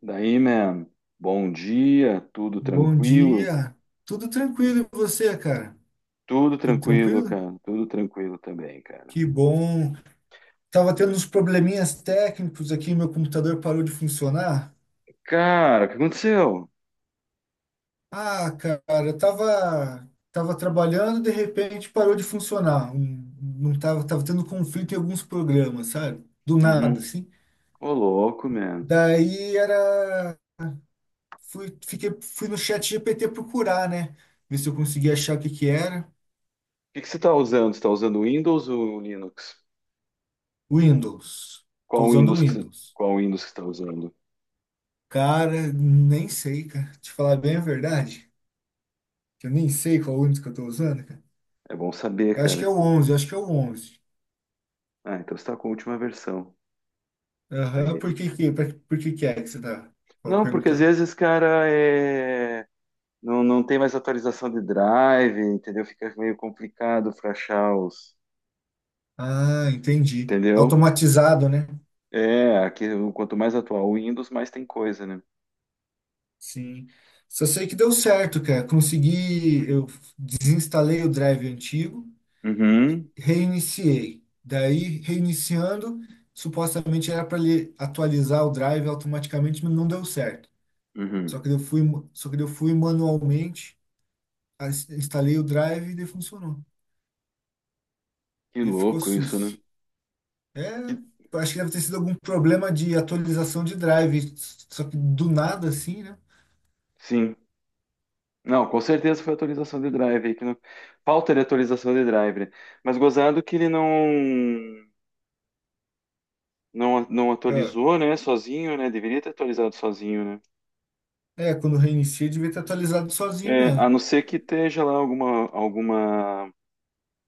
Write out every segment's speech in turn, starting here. Daí, man, bom dia, tudo Bom tranquilo? dia. Tudo tranquilo e você, cara? Tudo Tudo tranquilo, tranquilo? cara, tudo tranquilo também, cara. Que bom. Tava tendo uns probleminhas técnicos aqui, meu computador parou de funcionar. Cara, o que aconteceu? Ah, cara, eu tava trabalhando, de repente parou de funcionar. Não tava tendo conflito em alguns programas, sabe? Do nada, Uhum. assim. Ô, louco, man. O Daí era fui fiquei fui no chat GPT procurar, né? Ver se eu conseguia achar o que que era. que que você tá usando? Você tá usando Windows ou Linux? Windows. Tô Qual usando o Windows que você, Windows. qual Windows que você tá usando? Cara, nem sei, cara. Te falar bem a verdade, que eu nem sei qual ônibus que eu tô usando, cara. É bom saber, Eu acho que cara. é o 11. Ah, então você tá com a última versão. Aham, Daí. Por que que é que você tá Não, porque às perguntando? vezes, cara, é... não, não tem mais atualização de drive, entendeu? Fica meio complicado pra achar os... Ah, entendi. Entendeu? Automatizado, né? É, aqui, quanto mais atual o Windows, mais tem coisa, né? Sim. Só sei que deu certo, cara. Consegui, eu desinstalei o drive antigo, Uhum, reiniciei. Daí, reiniciando, supostamente era para ele atualizar o drive automaticamente, mas não deu certo. uhum. Só que eu fui, só que eu fui manualmente instalei o Drive e ele funcionou. Que Ele ficou louco isso, né? sus. É, Que- acho que deve ter sido algum problema de atualização de Drive, só que do nada assim, né? Sim. Não, com certeza foi atualização de drive aí que não... Falta de atualização de drive, né? Mas gozado que ele não não Ah, atualizou, né, sozinho, né? Deveria ter atualizado sozinho, né? é, quando reinicia, devia ter atualizado sozinho É, a mesmo. não ser que esteja lá alguma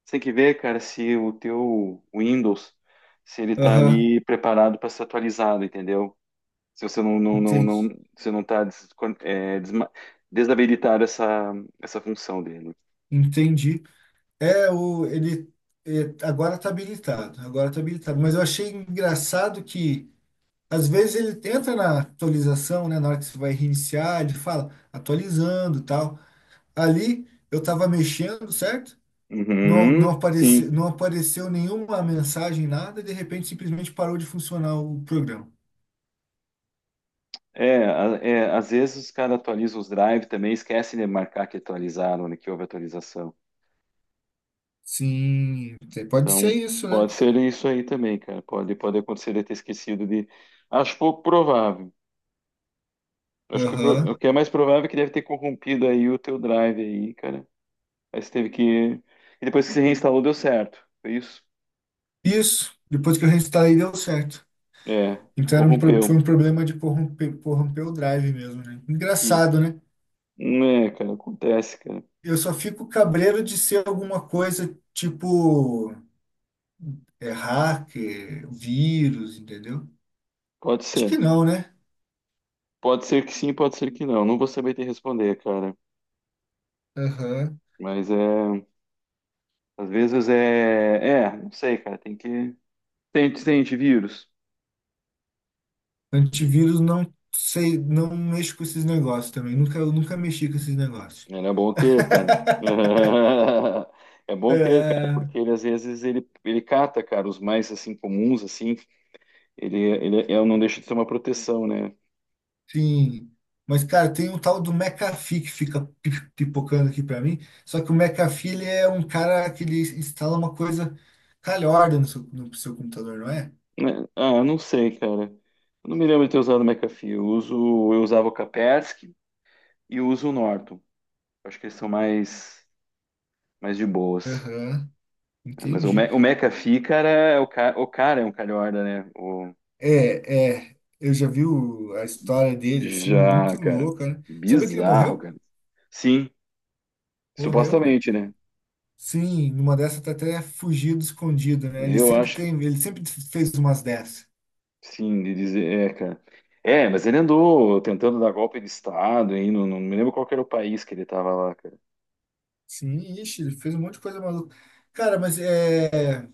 Você tem que ver, cara, se o teu Windows se ele tá Aham, ali preparado para ser atualizado, entendeu? Se você entendi. Você não está é, desma- desabilitar essa função dele. Entendi. É, o, ele agora tá habilitado, agora tá habilitado. Mas eu achei engraçado que às vezes ele entra na atualização, né? Na hora que você vai reiniciar, ele fala atualizando, e tal. Ali eu tava mexendo, certo? Não, Uhum, sim. não apareceu nenhuma mensagem, nada, de repente simplesmente parou de funcionar o programa. É, é, às vezes os caras atualizam os drives também, esquecem de marcar que atualizaram, né, que houve atualização. Sim, pode ser Então, isso, né? pode ser isso aí também, cara. Pode acontecer de ter esquecido de. Acho pouco provável. Acho que o Aham. que é mais provável é que deve ter corrompido aí o teu drive aí, cara. Aí você teve que. E depois que você reinstalou, deu certo. Foi isso? Isso, depois que eu reinstalei, deu certo. É, Então foi corrompeu. um problema de corromper o drive mesmo, né? Que Engraçado, né? É, cara, acontece, cara. Eu só fico cabreiro de ser alguma coisa tipo hacker, vírus, entendeu? Pode Acho ser. que não, né? Pode ser que sim, pode ser que não. Não vou saber te responder, cara. Aham. Mas é. Às vezes é. É, não sei, cara. Tem que. Tem antivírus. Antivírus não sei, não mexo com esses negócios também. Nunca mexi com esses negócios. Era bom ter, cara. É bom ter, cara, É, porque ele às vezes ele cata, cara, os mais assim comuns, assim. Ele não deixa de ser uma proteção, né? sim. Mas, cara, tem um tal do McAfee que fica pipocando aqui pra mim. Só que o McAfee, ele é um cara que ele instala uma coisa calhorda no seu computador, não é? Né? Ah, eu não sei, cara. Eu não me lembro de ter usado o McAfee. Eu usava o Kaspersky e eu uso o Norton. Acho que eles são mais. Mais de boas. Aham, É, Mas o, entendi. Me o McAfee, cara, é o cara é um calhorda, né? O... Eu já vi a história dele, assim, Já, muito cara. louca, né? Sabia que ele Bizarro, morreu? cara. Sim, Morreu, né? supostamente, né? Sim, numa dessa tá até fugido, escondido, né? Ele Eu sempre acho, tem, ele sempre fez umas dessas. sim, de dizer, é, cara. É, mas ele andou tentando dar golpe de Estado aí, não, não me lembro qual que era o país que ele tava lá, cara. Sim, ixi, ele fez um monte de coisa maluca. Cara,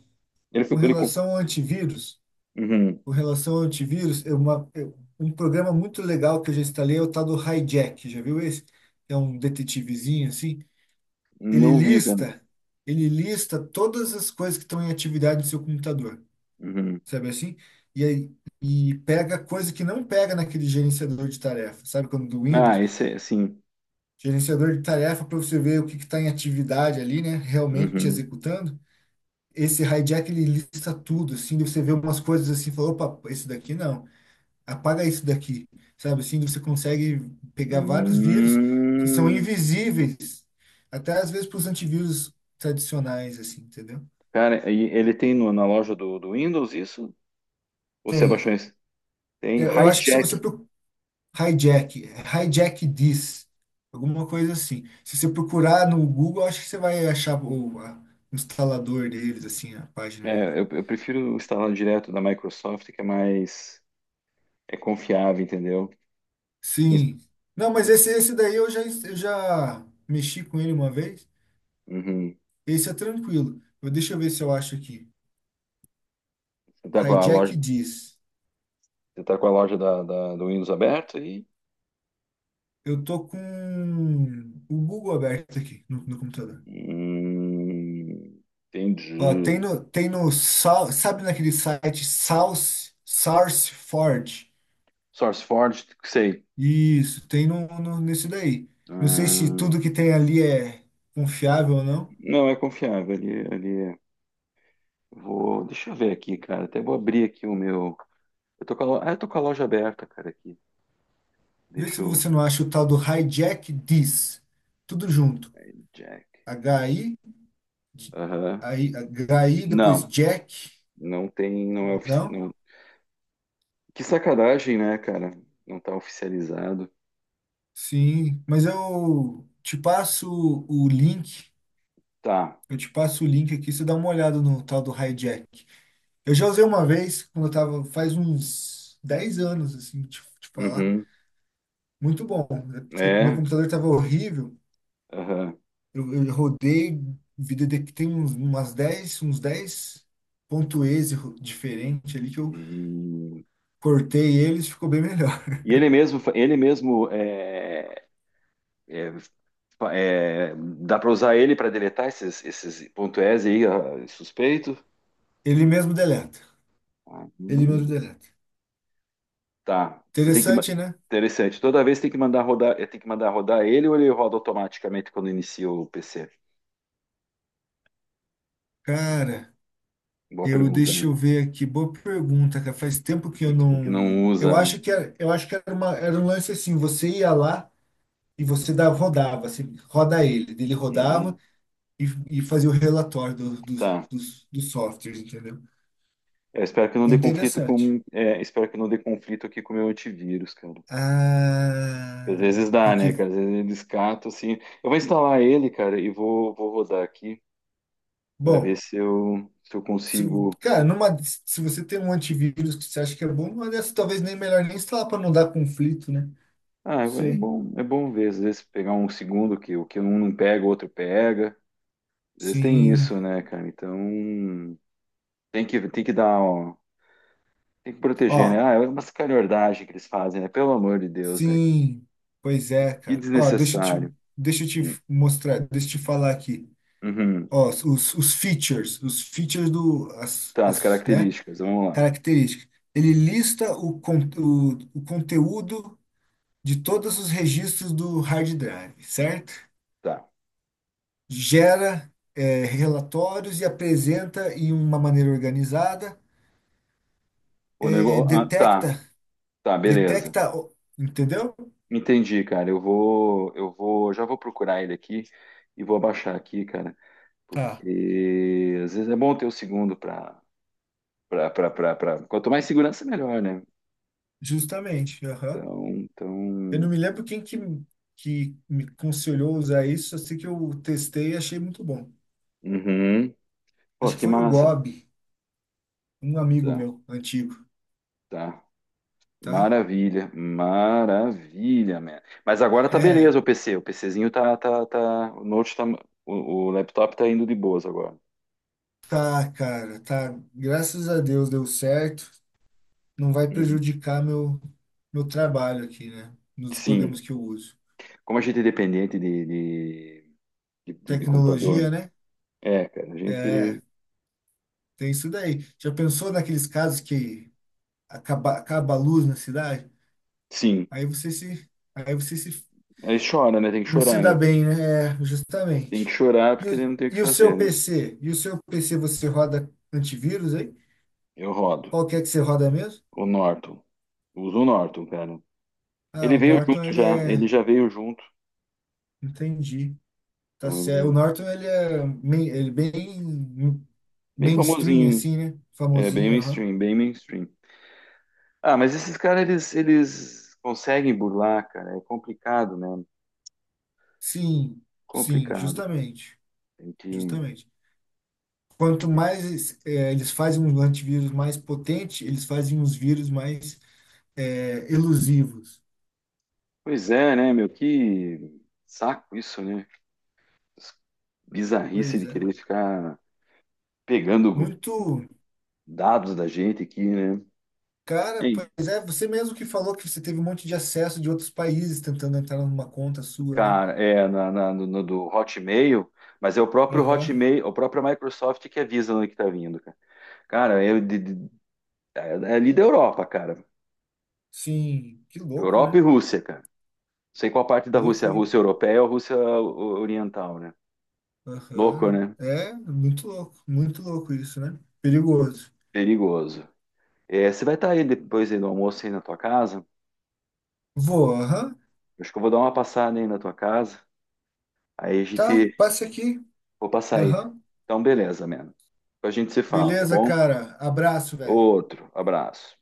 Ele com ficou, ele... relação ao antivírus, Uhum. com relação ao antivírus, é um programa muito legal que eu já instalei é o tal do Hijack, já viu esse? É um detetivezinho assim. Ele Não vi, cara. lista, ele lista todas as coisas que estão em atividade no seu computador, Uhum. sabe assim? E aí, pega coisa que não pega naquele gerenciador de tarefas, sabe? Quando do Ah, Windows esse é, sim. gerenciador de tarefa para você ver o que está em atividade ali, né? Realmente Uhum. executando. Esse hijack ele lista tudo, assim, de você vê umas coisas assim, falou, opa, esse daqui não, apaga isso daqui, sabe? Assim, você consegue pegar vários vírus que são Hum. invisíveis, até às vezes para os antivírus tradicionais, assim, entendeu? Cara, e ele tem na loja do, do Windows isso? Ou você abaixou Tem. em Tem Eu acho que se você Hijack. Hijack, Hijack This, alguma coisa assim. Se você procurar no Google, acho que você vai achar o instalador deles, assim, a página deles. É, eu prefiro instalar direto da Microsoft, que é mais é confiável, entendeu? Isso- Sim. Não, mas esse daí eu já mexi com ele uma vez. Uhum. Esse é tranquilo. Deixa eu ver se eu acho aqui. Você tá com a Hijack loja, diz, você tá com a loja da, do Windows aberta e eu tô com o Google aberto aqui no computador. Hum, Ó, entendi. Tem no, sabe naquele site South, SourceForge? SourceForge, sei. Isso, tem nesse daí. Não sei se Ah, tudo que tem ali é confiável ou não. não, é confiável. Ali, ali é. Vou, deixa eu ver aqui, cara. Até vou abrir aqui o meu. Eu tô com a loja aberta, cara, aqui. Vê Deixa se eu. você não acha o tal do Hijack Diz. Tudo junto. Jack. H i Aham. aí, H i depois Não, Jack. não tem. Não é Não? oficial. Que sacanagem, né, cara? Não tá oficializado. Sim, mas eu te passo o link. Tá. Eu te passo o link aqui, você dá uma olhada no tal do Hijack. Eu já usei uma vez, quando eu tava, faz uns 10 anos, assim, te falar. Uhum. Muito bom. Meu É. computador estava horrível. Aham. Eu rodei vida de que tem uns 10 ponto exe diferente ali que eu E, cortei eles, ficou bem melhor. e ele mesmo, ele mesmo é, é, dá para usar ele para deletar esses, esses ponto .es aí, ah, suspeito? Ele mesmo deleta. Ah, Ele mesmo hum. deleta. Tá. Você tem que Interessante, né? interessante. Toda vez tem que mandar rodar, é, tem que mandar rodar ele ou ele roda automaticamente quando inicia o PC? Cara, Boa eu pergunta, deixa né? eu ver aqui. Boa pergunta, cara. Faz tempo que eu Que não não. Eu usa, né? acho que era, eu acho que era uma, era um lance assim, você ia lá e você dava, rodava, assim, roda ele. Ele rodava Uhum. e, e fazia o relatório do, dos Tá. dos dos softwares, entendeu? Eu espero que não É dê conflito interessante. com. É, espero que não dê conflito aqui com o meu antivírus, cara. Às Ah, vezes dá, tem né, que. cara? Às vezes ele escata, assim. Eu vou instalar ele, cara, e vou, vou rodar aqui para ver Bom, se eu, se eu se, consigo. cara, numa, se você tem um antivírus que você acha que é bom, numa dessas talvez nem melhor nem instalar para não dar conflito, né? Ah, Sei. É bom ver. Às vezes pegar um segundo que o que um não pega, o outro pega. Às vezes tem Sim. isso, né, cara? Então tem que dar, ó, tem que proteger, né? Ó, Ah, é uma sacanagem que eles fazem, né? Pelo amor de Deus, né? sim. Pois é, Que cara. Ó, desnecessário. Deixa eu te mostrar, deixa eu te falar aqui. Uhum. Ó, os features do, Tá, as as, né? características, vamos lá. Características. Ele lista o conteúdo de todos os registros do hard drive, certo? Tá. Gera relatórios e apresenta em uma maneira organizada, O nego... ah, detecta, tá, tá, beleza. Entendeu? Entendi, cara. Eu vou, já vou procurar ele aqui e vou abaixar aqui, cara, Tá. porque às vezes é bom ter o segundo para quanto mais segurança melhor, né? Justamente. Aham. Então, Eu não então, me lembro quem que, me aconselhou a usar isso, eu sei que eu testei e achei muito bom. uhum. Pô, Acho que que foi o massa. Gob, um amigo Tá, meu antigo, tá. tá? Maravilha, maravilha, man. Mas agora tá É, beleza o PC, o PCzinho tá tá tá, o note tá, o, o laptop tá indo de boas agora. tá, cara, tá. Graças a Deus deu certo. Não vai Uhum. prejudicar meu trabalho aqui, né? Nos programas Sim, que eu uso. Como a gente é dependente de computador, Tecnologia, né? é, cara, a gente, É, tem isso daí. Já pensou naqueles casos que acaba a luz na cidade? sim, Aí você se, aí você se, aí chora, né? Tem que não se chorar, dá né? bem, né? É, Tem que justamente. chorar E, porque ele o- não tem o que e o fazer, seu né? PC? E o seu PC você roda antivírus aí? Eu rodo. Qual que é que você roda mesmo? O Norton. Uso o Norton, cara. Ah, Ele o veio junto Norton ele já, ele é, já veio junto. entendi. Tá Então ele certo. é O Norton ele é bem bem mainstream famosinho, assim, né? é bem Famosinho, aham. mainstream, bem mainstream. Ah, mas esses caras eles conseguem burlar, cara. É complicado, né? Sim, sim, Complicado. Cara. justamente, Tem que justamente. Quanto é, mais eles fazem um antivírus mais potente, eles fazem uns vírus mais elusivos. Pois é, né, meu? Que saco isso, né? bizarrice Pois de é. querer ficar pegando Muito. dados da gente aqui, né? Cara, Ei, pois é, você mesmo que falou que você teve um monte de acesso de outros países tentando entrar numa conta sua, né? Cara, é no do Hotmail, mas é o próprio Aham. Hotmail, o próprio Microsoft que avisa onde que tá vindo, cara. Cara, é é ali da Europa, cara. Sim, que louco, Europa né? e Rússia, cara. Não sei qual parte da Rússia, a Loucura. Rússia europeia ou a Rússia oriental, né? Louco, Aham. né? É, muito louco isso, né? Perigoso. Perigoso. É, você vai estar aí depois aí do almoço aí na tua casa? Vou, aham. Acho que eu vou dar uma passada aí na tua casa. Aí a Tá, gente passe aqui. Vou passar aí. Aham. Então, beleza, mano. Depois A gente se fala, tá Beleza, bom? cara. Abraço, velho. Outro abraço.